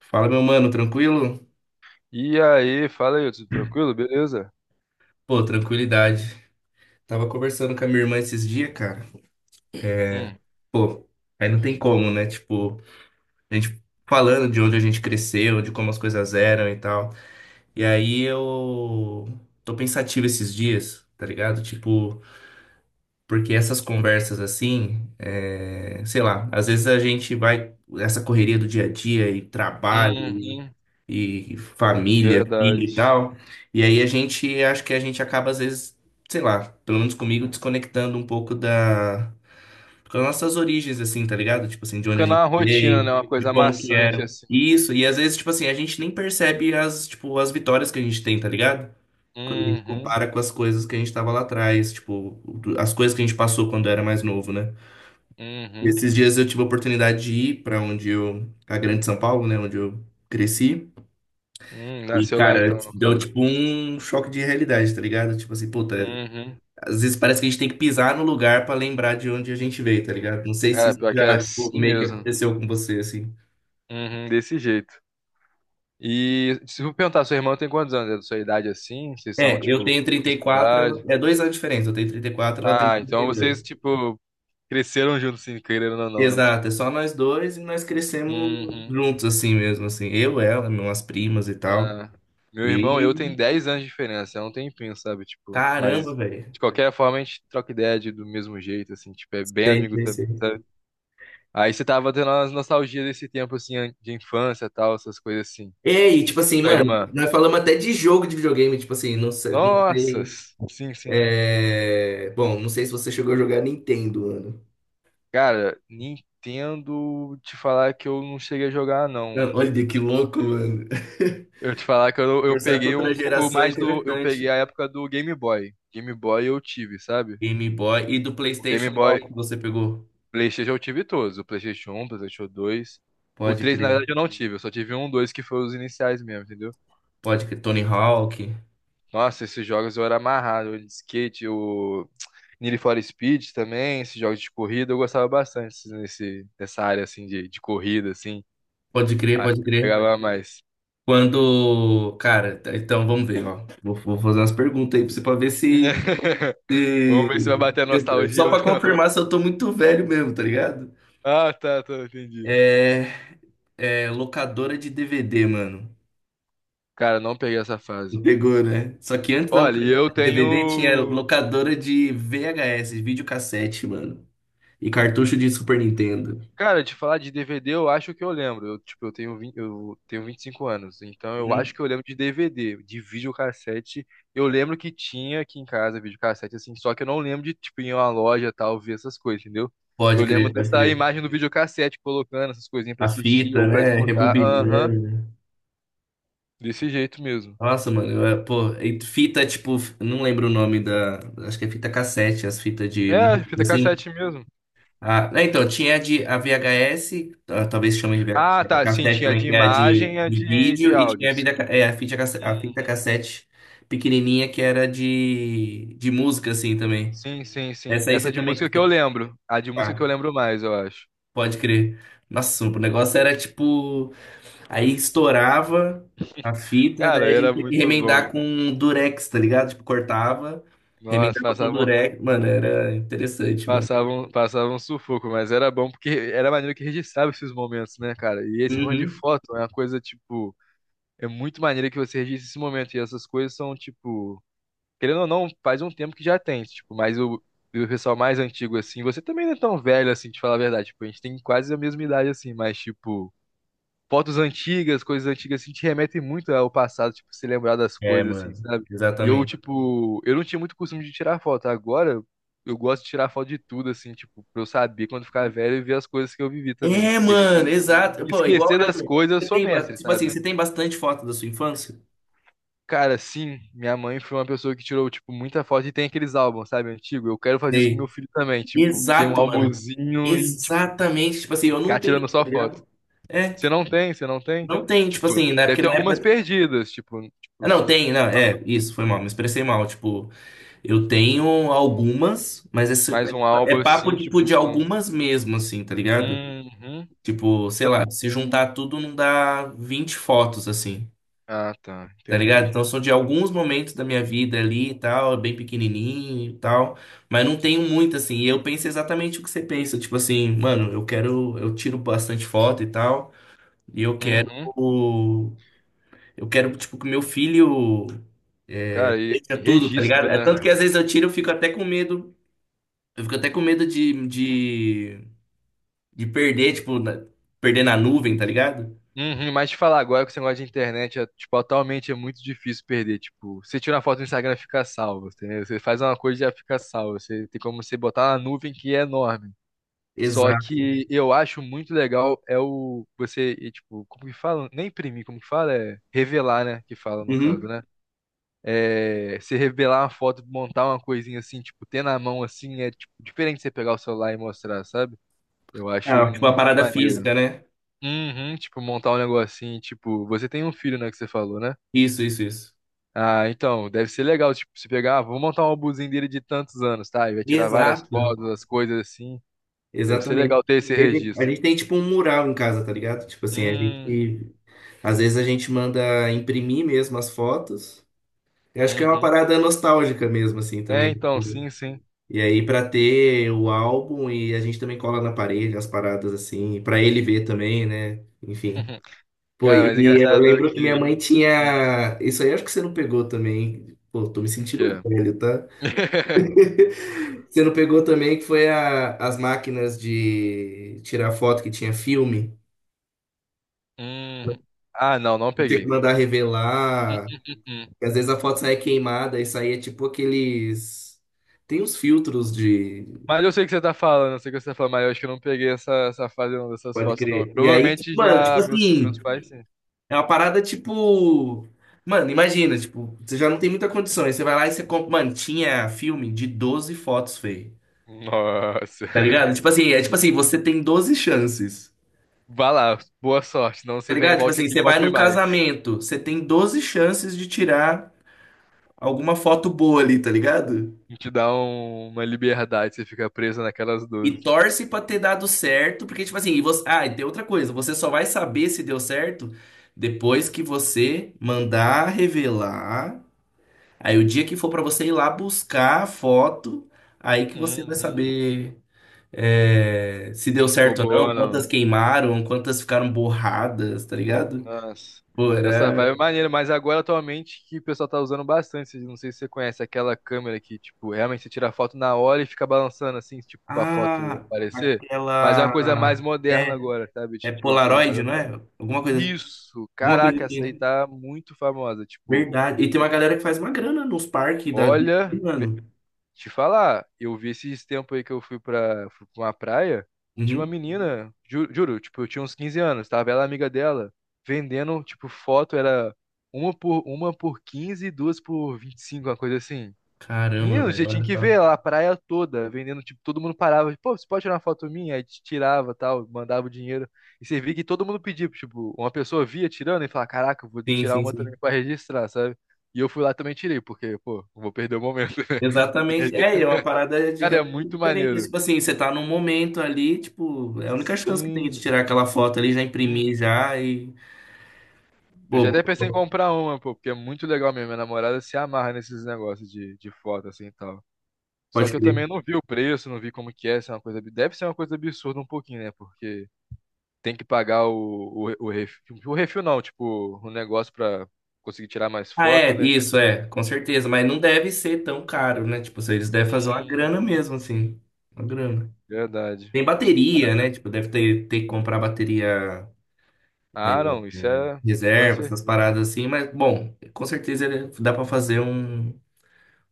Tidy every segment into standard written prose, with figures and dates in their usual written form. Fala, meu mano, tranquilo? E aí, fala aí, tudo tranquilo? Beleza? Pô, tranquilidade. Tava conversando com a minha irmã esses dias, cara. Hum, Pô, aí não tem como, né? Tipo, a gente falando de onde a gente cresceu, de como as coisas eram e tal. E aí eu tô pensativo esses dias, tá ligado? Tipo, porque essas conversas assim, sei lá, às vezes a gente vai, essa correria do dia a dia e trabalho uhum. e família, filho Verdade. e tal. E aí a gente, acho que a gente acaba às vezes, sei lá, pelo menos comigo, desconectando um pouco da, das nossas origens, assim, tá ligado? Tipo assim, de onde a Fica gente na rotina, veio, né? Uma de coisa como que maçante eram. assim. Isso, e às vezes, tipo assim, a gente nem percebe as, tipo, as vitórias que a gente tem, tá ligado? Quando a gente Uhum, compara com as coisas que a gente tava lá atrás, tipo, as coisas que a gente passou quando era mais novo, né? uhum, Esses dias eu tive a oportunidade de ir pra onde eu, a Grande São Paulo, né, onde eu cresci. E, Nasceu lá cara, então, no deu caso. tipo um choque de realidade, tá ligado? Tipo assim, puta, uhum, às vezes parece que a gente tem que pisar no lugar pra lembrar de onde a gente veio, tá ligado? Não sei se É, isso pior que é já, tipo, assim meio que mesmo. aconteceu com você, assim. Uhum. Desse jeito. E se eu perguntar, sua irmã tem quantos anos? É da sua idade assim? Vocês são, É, eu tipo, tenho mesma 34, idade? é 2 anos de diferença, eu tenho 34, ela tem Ah, então vocês, 32. tipo, cresceram juntos, assim, querendo ou não, né? Exato, é só nós dois e nós crescemos Tipo, juntos, assim mesmo, assim. Eu, ela, minhas primas e tal. Ah, meu irmão e eu E, tem 10 anos de diferença, é um tempinho, sabe? Tipo, mas caramba, velho. de qualquer forma a gente troca ideia de- do mesmo jeito, assim, tipo, é bem Sei, amigo sei, também, sei. sabe? Aí você tava tendo umas nostalgias desse tempo, assim, an- de infância tal, essas coisas assim. É, e tipo Com a assim, tua mano, irmã. nós falamos até de jogo de videogame, tipo assim, não sei, não Nossa! sei. Sim, sim. É, bom, não sei se você chegou a jogar Nintendo, mano. Cara, Nintendo, te falar que eu não cheguei a jogar, não. Mano, olha que louco, mano. Eu te falar que eu Conversar com peguei um outra pouco geração é mais do. Eu peguei interessante. a época do Game Boy. Game Boy eu tive, sabe? Game Boy. E do O PlayStation, Game qual que Boy. você pegou? PlayStation eu tive todos. O PlayStation um, PlayStation 2, O Pode 3 na crer. verdade, eu não tive. Eu só tive um, dois, que foi os iniciais mesmo, entendeu? Pode crer. Tony Hawk. Nossa, esses jogos eu era amarrado. O de skate, o Need for Speed também, esses jogos de corrida, eu gostava bastante esses- nesse, nessa área, assim, de corrida, assim. Pode crer, Aí pode eu crer. pegava mais. Quando. Cara, então vamos ver, ó. Vou fazer umas perguntas aí pra você pra ver se. Vamos ver se vai bater a nostalgia Só ou pra não. confirmar se eu tô muito velho mesmo, tá ligado? Ah, tá, tá, entendi. É. É, locadora de DVD, mano. Cara, não peguei essa fase. Pegou, né? Só que antes da Olha, e locadora eu de DVD tinha tenho. locadora de VHS, videocassete, mano. E cartucho de Super Nintendo. Cara, de falar de DVD, eu acho que eu lembro. Eu, tipo, eu tenho 20, eu tenho 25 anos, então eu Hum. acho que eu lembro de DVD, de videocassete. Eu lembro que tinha aqui em casa videocassete, assim, só que eu não lembro de, tipo, ir em uma loja tal, ver essas coisas, entendeu? Eu Pode lembro crer, pode dessa crer. imagem do videocassete colocando essas coisinhas pra A assistir fita, ou pra né? escutar. Aham, Rebobinando. desse jeito mesmo. Nossa, mano, eu, pô, e fita, tipo, não lembro o nome da. Acho que é fita cassete, as fitas de É, música, fita assim. cassete mesmo. Ah, né, então, tinha a de, a VHS, ah, talvez chamem de Ah, VH tá, sim, cassete tinha também, de que é a imagem e a de de vídeo, e áudio, tinha a, sim. vida, a, fita, a fita Uhum. cassete pequenininha, que era de música, assim, também. Sim, sim, sim. Essa aí Essa você de também... música que eu lembro. A de música que eu Ah, lembro mais, eu acho. pode crer. Nossa, o negócio era, tipo... Aí estourava a fita, Cara, daí a gente era tinha que muito remendar bom. com durex, tá ligado? Tipo, cortava, Nossa, remendava com passavam, durex. Mano, era interessante, mano. passavam, passavam sufoco, mas era bom porque era maneiro que registrava esses momentos, né, cara? E esse negócio de Uhum. foto é uma coisa, tipo, é muito maneiro que você registre esse momento. E essas coisas são, tipo, querendo ou não, faz um tempo que já tem, tipo, mas o pessoal mais antigo, assim, você também não é tão velho, assim, de falar a verdade. Tipo, a gente tem quase a mesma idade, assim, mas, tipo. Fotos antigas, coisas antigas, assim, te remetem muito ao passado, tipo, se lembrar das É, coisas, assim, mano, sabe? E eu, exatamente. tipo, eu não tinha muito costume de tirar foto. Agora, eu gosto de tirar foto de tudo, assim, tipo, pra eu saber quando ficar velho e ver as coisas que eu vivi também. É, Porque mano, exato. Pô, igual esquecer eu das também. coisas, eu Você sou tem, mestre, tipo assim, sabe? você tem bastante foto da sua infância? Cara, sim, minha mãe foi uma pessoa que tirou, tipo, muita foto e tem aqueles álbuns, sabe, antigo. Eu quero fazer isso com meu Sei. filho também, tipo, ter um Exato, mano. álbumzinho e, tipo, Exatamente. Tipo assim, eu não ficar tenho, tirando só tá foto. ligado? É, Você não tem? Você não tem? não tem, tipo Tipo, assim, deve ter na algumas época... perdidas, tipo, Ah, não, tem, não, é, isso, foi mal, me expressei mal, tipo, eu tenho algumas, mas é, Mais um tipo, é álbum papo, assim, tipo, tipo de com. algumas mesmo, assim, tá ligado? Uhum. Tipo, sei lá, se juntar tudo não dá 20 fotos, assim. Ah, tá, Tá ligado? entendi. Então são de alguns momentos da minha vida ali e tal, bem pequenininho e tal, mas não tenho muito assim. E eu penso exatamente o que você pensa, tipo assim, mano, eu quero, eu tiro bastante foto e tal, e Uhum. eu quero tipo que meu filho Cara, e veja tudo, tá ligado? registro, É né? tanto que às vezes eu tiro, eu fico até com medo, eu fico até com medo de perder, tipo, perder na nuvem, tá ligado? Uhum. Mas te falar agora que esse negócio de internet é, tipo, atualmente é muito difícil perder. Tipo, você tira uma foto no Instagram fica salvo, entendeu? Você faz uma coisa e já fica salvo. Você tem como você botar na nuvem que é enorme. Só Exato. que eu acho muito legal é o você, e, tipo, como que fala? Nem imprimir, como que fala? É revelar, né? Que fala no caso, Uhum. né? É, você revelar uma foto, montar uma coisinha assim, tipo, ter na mão assim, é tipo, diferente de você pegar o celular e mostrar, sabe? Eu acho Ah, tipo a muito parada maneiro. física, né? Uhum, tipo, montar um negocinho, tipo, você tem um filho, né, que você falou, né? Isso, isso, isso. Ah, então, deve ser legal, tipo, você pegar, ah, vou montar um álbumzinho dele de tantos anos, tá? E vai tirar várias Exato. fotos, as coisas assim. Deve ser Exatamente. legal ter esse A registro. gente tem tipo um mural em casa, tá ligado? Tipo assim, a Hum, gente, às vezes a gente manda imprimir mesmo as fotos. Eu acho que é uma uhum. parada nostálgica mesmo, assim, É, também. então, Tipo. sim, sim. E aí, pra ter o álbum, e a gente também cola na parede as paradas, assim, pra ele ver também, né? Enfim. Pô, Cara, mas e eu engraçado lembro que minha que. mãe Hum, tinha. Isso aí acho que você não pegou também. Pô, tô me o que sentindo é? velho, tá? Você não pegou também que foi as máquinas de tirar foto que tinha filme. Hum, Ah, não, não E tinha que peguei. mandar hum, revelar. hum, hum, hum. E às vezes a foto saía queimada e saía tipo aqueles. Tem uns filtros de. Mas eu sei o que você tá falando, eu sei o que você tá falando, mas eu acho que eu não peguei essa, essa fase não, dessas Pode fotos, não. crer. E aí, tipo, Provavelmente mano, tipo já meus, assim, meus pais, sim. é uma parada tipo. Mano, imagina, tipo, você já não tem muita condição. Aí você vai lá e você compra. Mano, tinha filme de 12 fotos, feio. Nossa. Tá ligado? Tipo assim, é tipo assim, você tem 12 chances. Vá lá, boa sorte. Não, Tá você vem- ligado? Tipo volte assim, aqui e você vai compre num mais. casamento, você tem 12 chances de tirar alguma foto boa ali, tá ligado? Não, te dá um- uma liberdade, você fica preso naquelas E doze. torce pra ter dado certo, porque, tipo assim, e você... ah, e tem outra coisa, você só vai saber se deu certo depois que você mandar revelar. Aí o dia que for pra você ir lá buscar a foto, aí que você vai Uhum. saber, é, se deu Se ficou certo ou boa não, ou quantas não. queimaram, quantas ficaram borradas, tá ligado? Nossa, Pô, essa era. vibe é maneira, mas agora atualmente que o pessoal tá usando bastante, não sei se você conhece aquela câmera que, tipo, realmente você tira a foto na hora e fica balançando assim, tipo, pra foto Ah, aparecer, mas é uma coisa aquela. mais moderna É, agora, sabe? é Tipo, uma coisa mais Polaroid, não é? atual. Alguma coisa, Isso, alguma coisa caraca, essa aí assim. tá muito famosa, tipo, Verdade. E tem uma galera que faz uma grana nos parques da vida, aí, olha. mano. Te falar, eu vi esses tempos aí que eu fui pra uma praia, tinha uma Uhum. menina, ju- juro, tipo, eu tinha uns 15 anos, tava ela amiga dela, vendendo, tipo, foto, era uma por, uma por 15 e duas por 25 uma coisa assim. Caramba, Menino, velho, você tinha olha que Caramba. só. Ver lá a praia toda, vendendo, tipo, todo mundo parava, pô, você pode tirar uma foto minha? Aí te tirava, tal, mandava o dinheiro. E você via que todo mundo pedia, tipo, uma pessoa via tirando e falava, caraca, eu vou Sim, tirar sim, uma também sim. pra registrar, sabe? E eu fui lá também e tirei, porque, pô, não vou perder o momento, né? Exatamente. É, e é uma parada de Cara, é realmente muito diferente. maneiro. Tipo assim, você tá num momento ali, tipo, é a única chance que tem de Sim. tirar aquela foto ali, já imprimir Uhum. já e. Eu já Pô, até pensei em comprar uma, pô, porque é muito legal mesmo. Minha namorada se amarra nesses negócios de foto assim e tal. Só pode que eu crer. também não vi o preço, não vi como que é, se é uma coisa, ab- deve ser uma coisa absurda um pouquinho, né? Porque tem que pagar o refil, o refil não, tipo, o negócio pra conseguir tirar mais Ah, foto, é, né? isso, é, com certeza. Mas não deve ser tão caro, né? Tipo, se eles devem fazer uma grana Uhum. mesmo, assim. Uma grana. Verdade. Tem bateria, né? Tipo, deve ter que comprar bateria é, Ah, não, isso é, é, com reserva, essas certeza. paradas assim, mas bom, com certeza dá pra fazer um,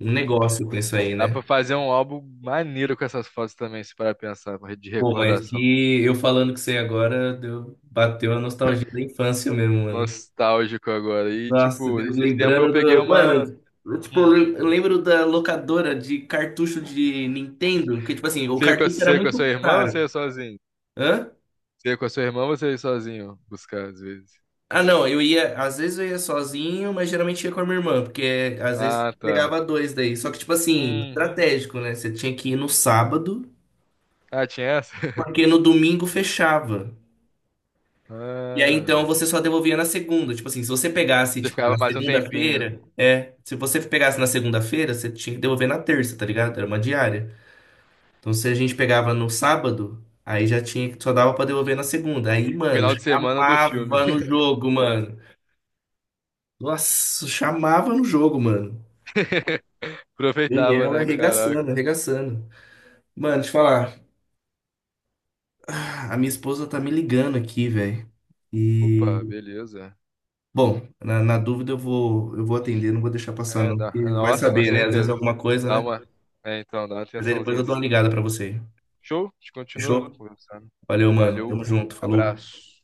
um negócio com isso aí, Dá pra né? fazer um álbum maneiro com essas fotos também, se parar pra pensar, de Pô, mas recordação. que eu falando que você agora, deu, bateu a nostalgia da infância mesmo, mano. Nostálgico agora. E, Nossa, tipo, esses tempos eu lembrando peguei do. uma. Mano, eu, tipo, Hum. Eu lembro da locadora de cartucho de Nintendo, que, tipo assim, o Você ia com a, cartucho você era ia com a muito sua irmã ou você caro. ia sozinho? Hã? Você ia com a sua irmã ou você ia sozinho buscar, às vezes? Ah, não, eu ia, às vezes eu ia sozinho, mas geralmente ia com a minha irmã, porque às vezes Ah, tá. pegava dois daí. Só que, tipo assim, Uhum. estratégico, né? Você tinha que ir no sábado, Ah, tinha essa? porque no domingo fechava. E aí então Ah. você só devolvia na segunda. Tipo assim, se você pegasse, Você tipo, ficava na mais um tempinho. segunda-feira, é. Se você pegasse na segunda-feira, você tinha que devolver na terça, tá ligado? Era uma diária. Então se a gente pegava no sábado, aí já tinha que, só dava pra devolver na segunda. Aí, mano, Final de semana do filme. chamava no jogo, mano. Nossa, chamava no jogo, mano. Aproveitava, Daniel né? arregaçando, Caraca. arregaçando. Mano, deixa eu falar. Ah, a minha esposa tá me ligando aqui, velho. E, Opa, beleza. bom, na dúvida eu vou atender, não vou deixar passar, É, não. dá- Porque vai Nossa, com saber, né? Às vezes é certeza. alguma coisa, Dá né? uma. É, então, dá uma Mas aí depois atençãozinha eu dou assim. uma ligada pra você. Show? A gente continua Fechou? conversando. Valeu, mano. Valeu. Tamo junto. Falou. Abraço.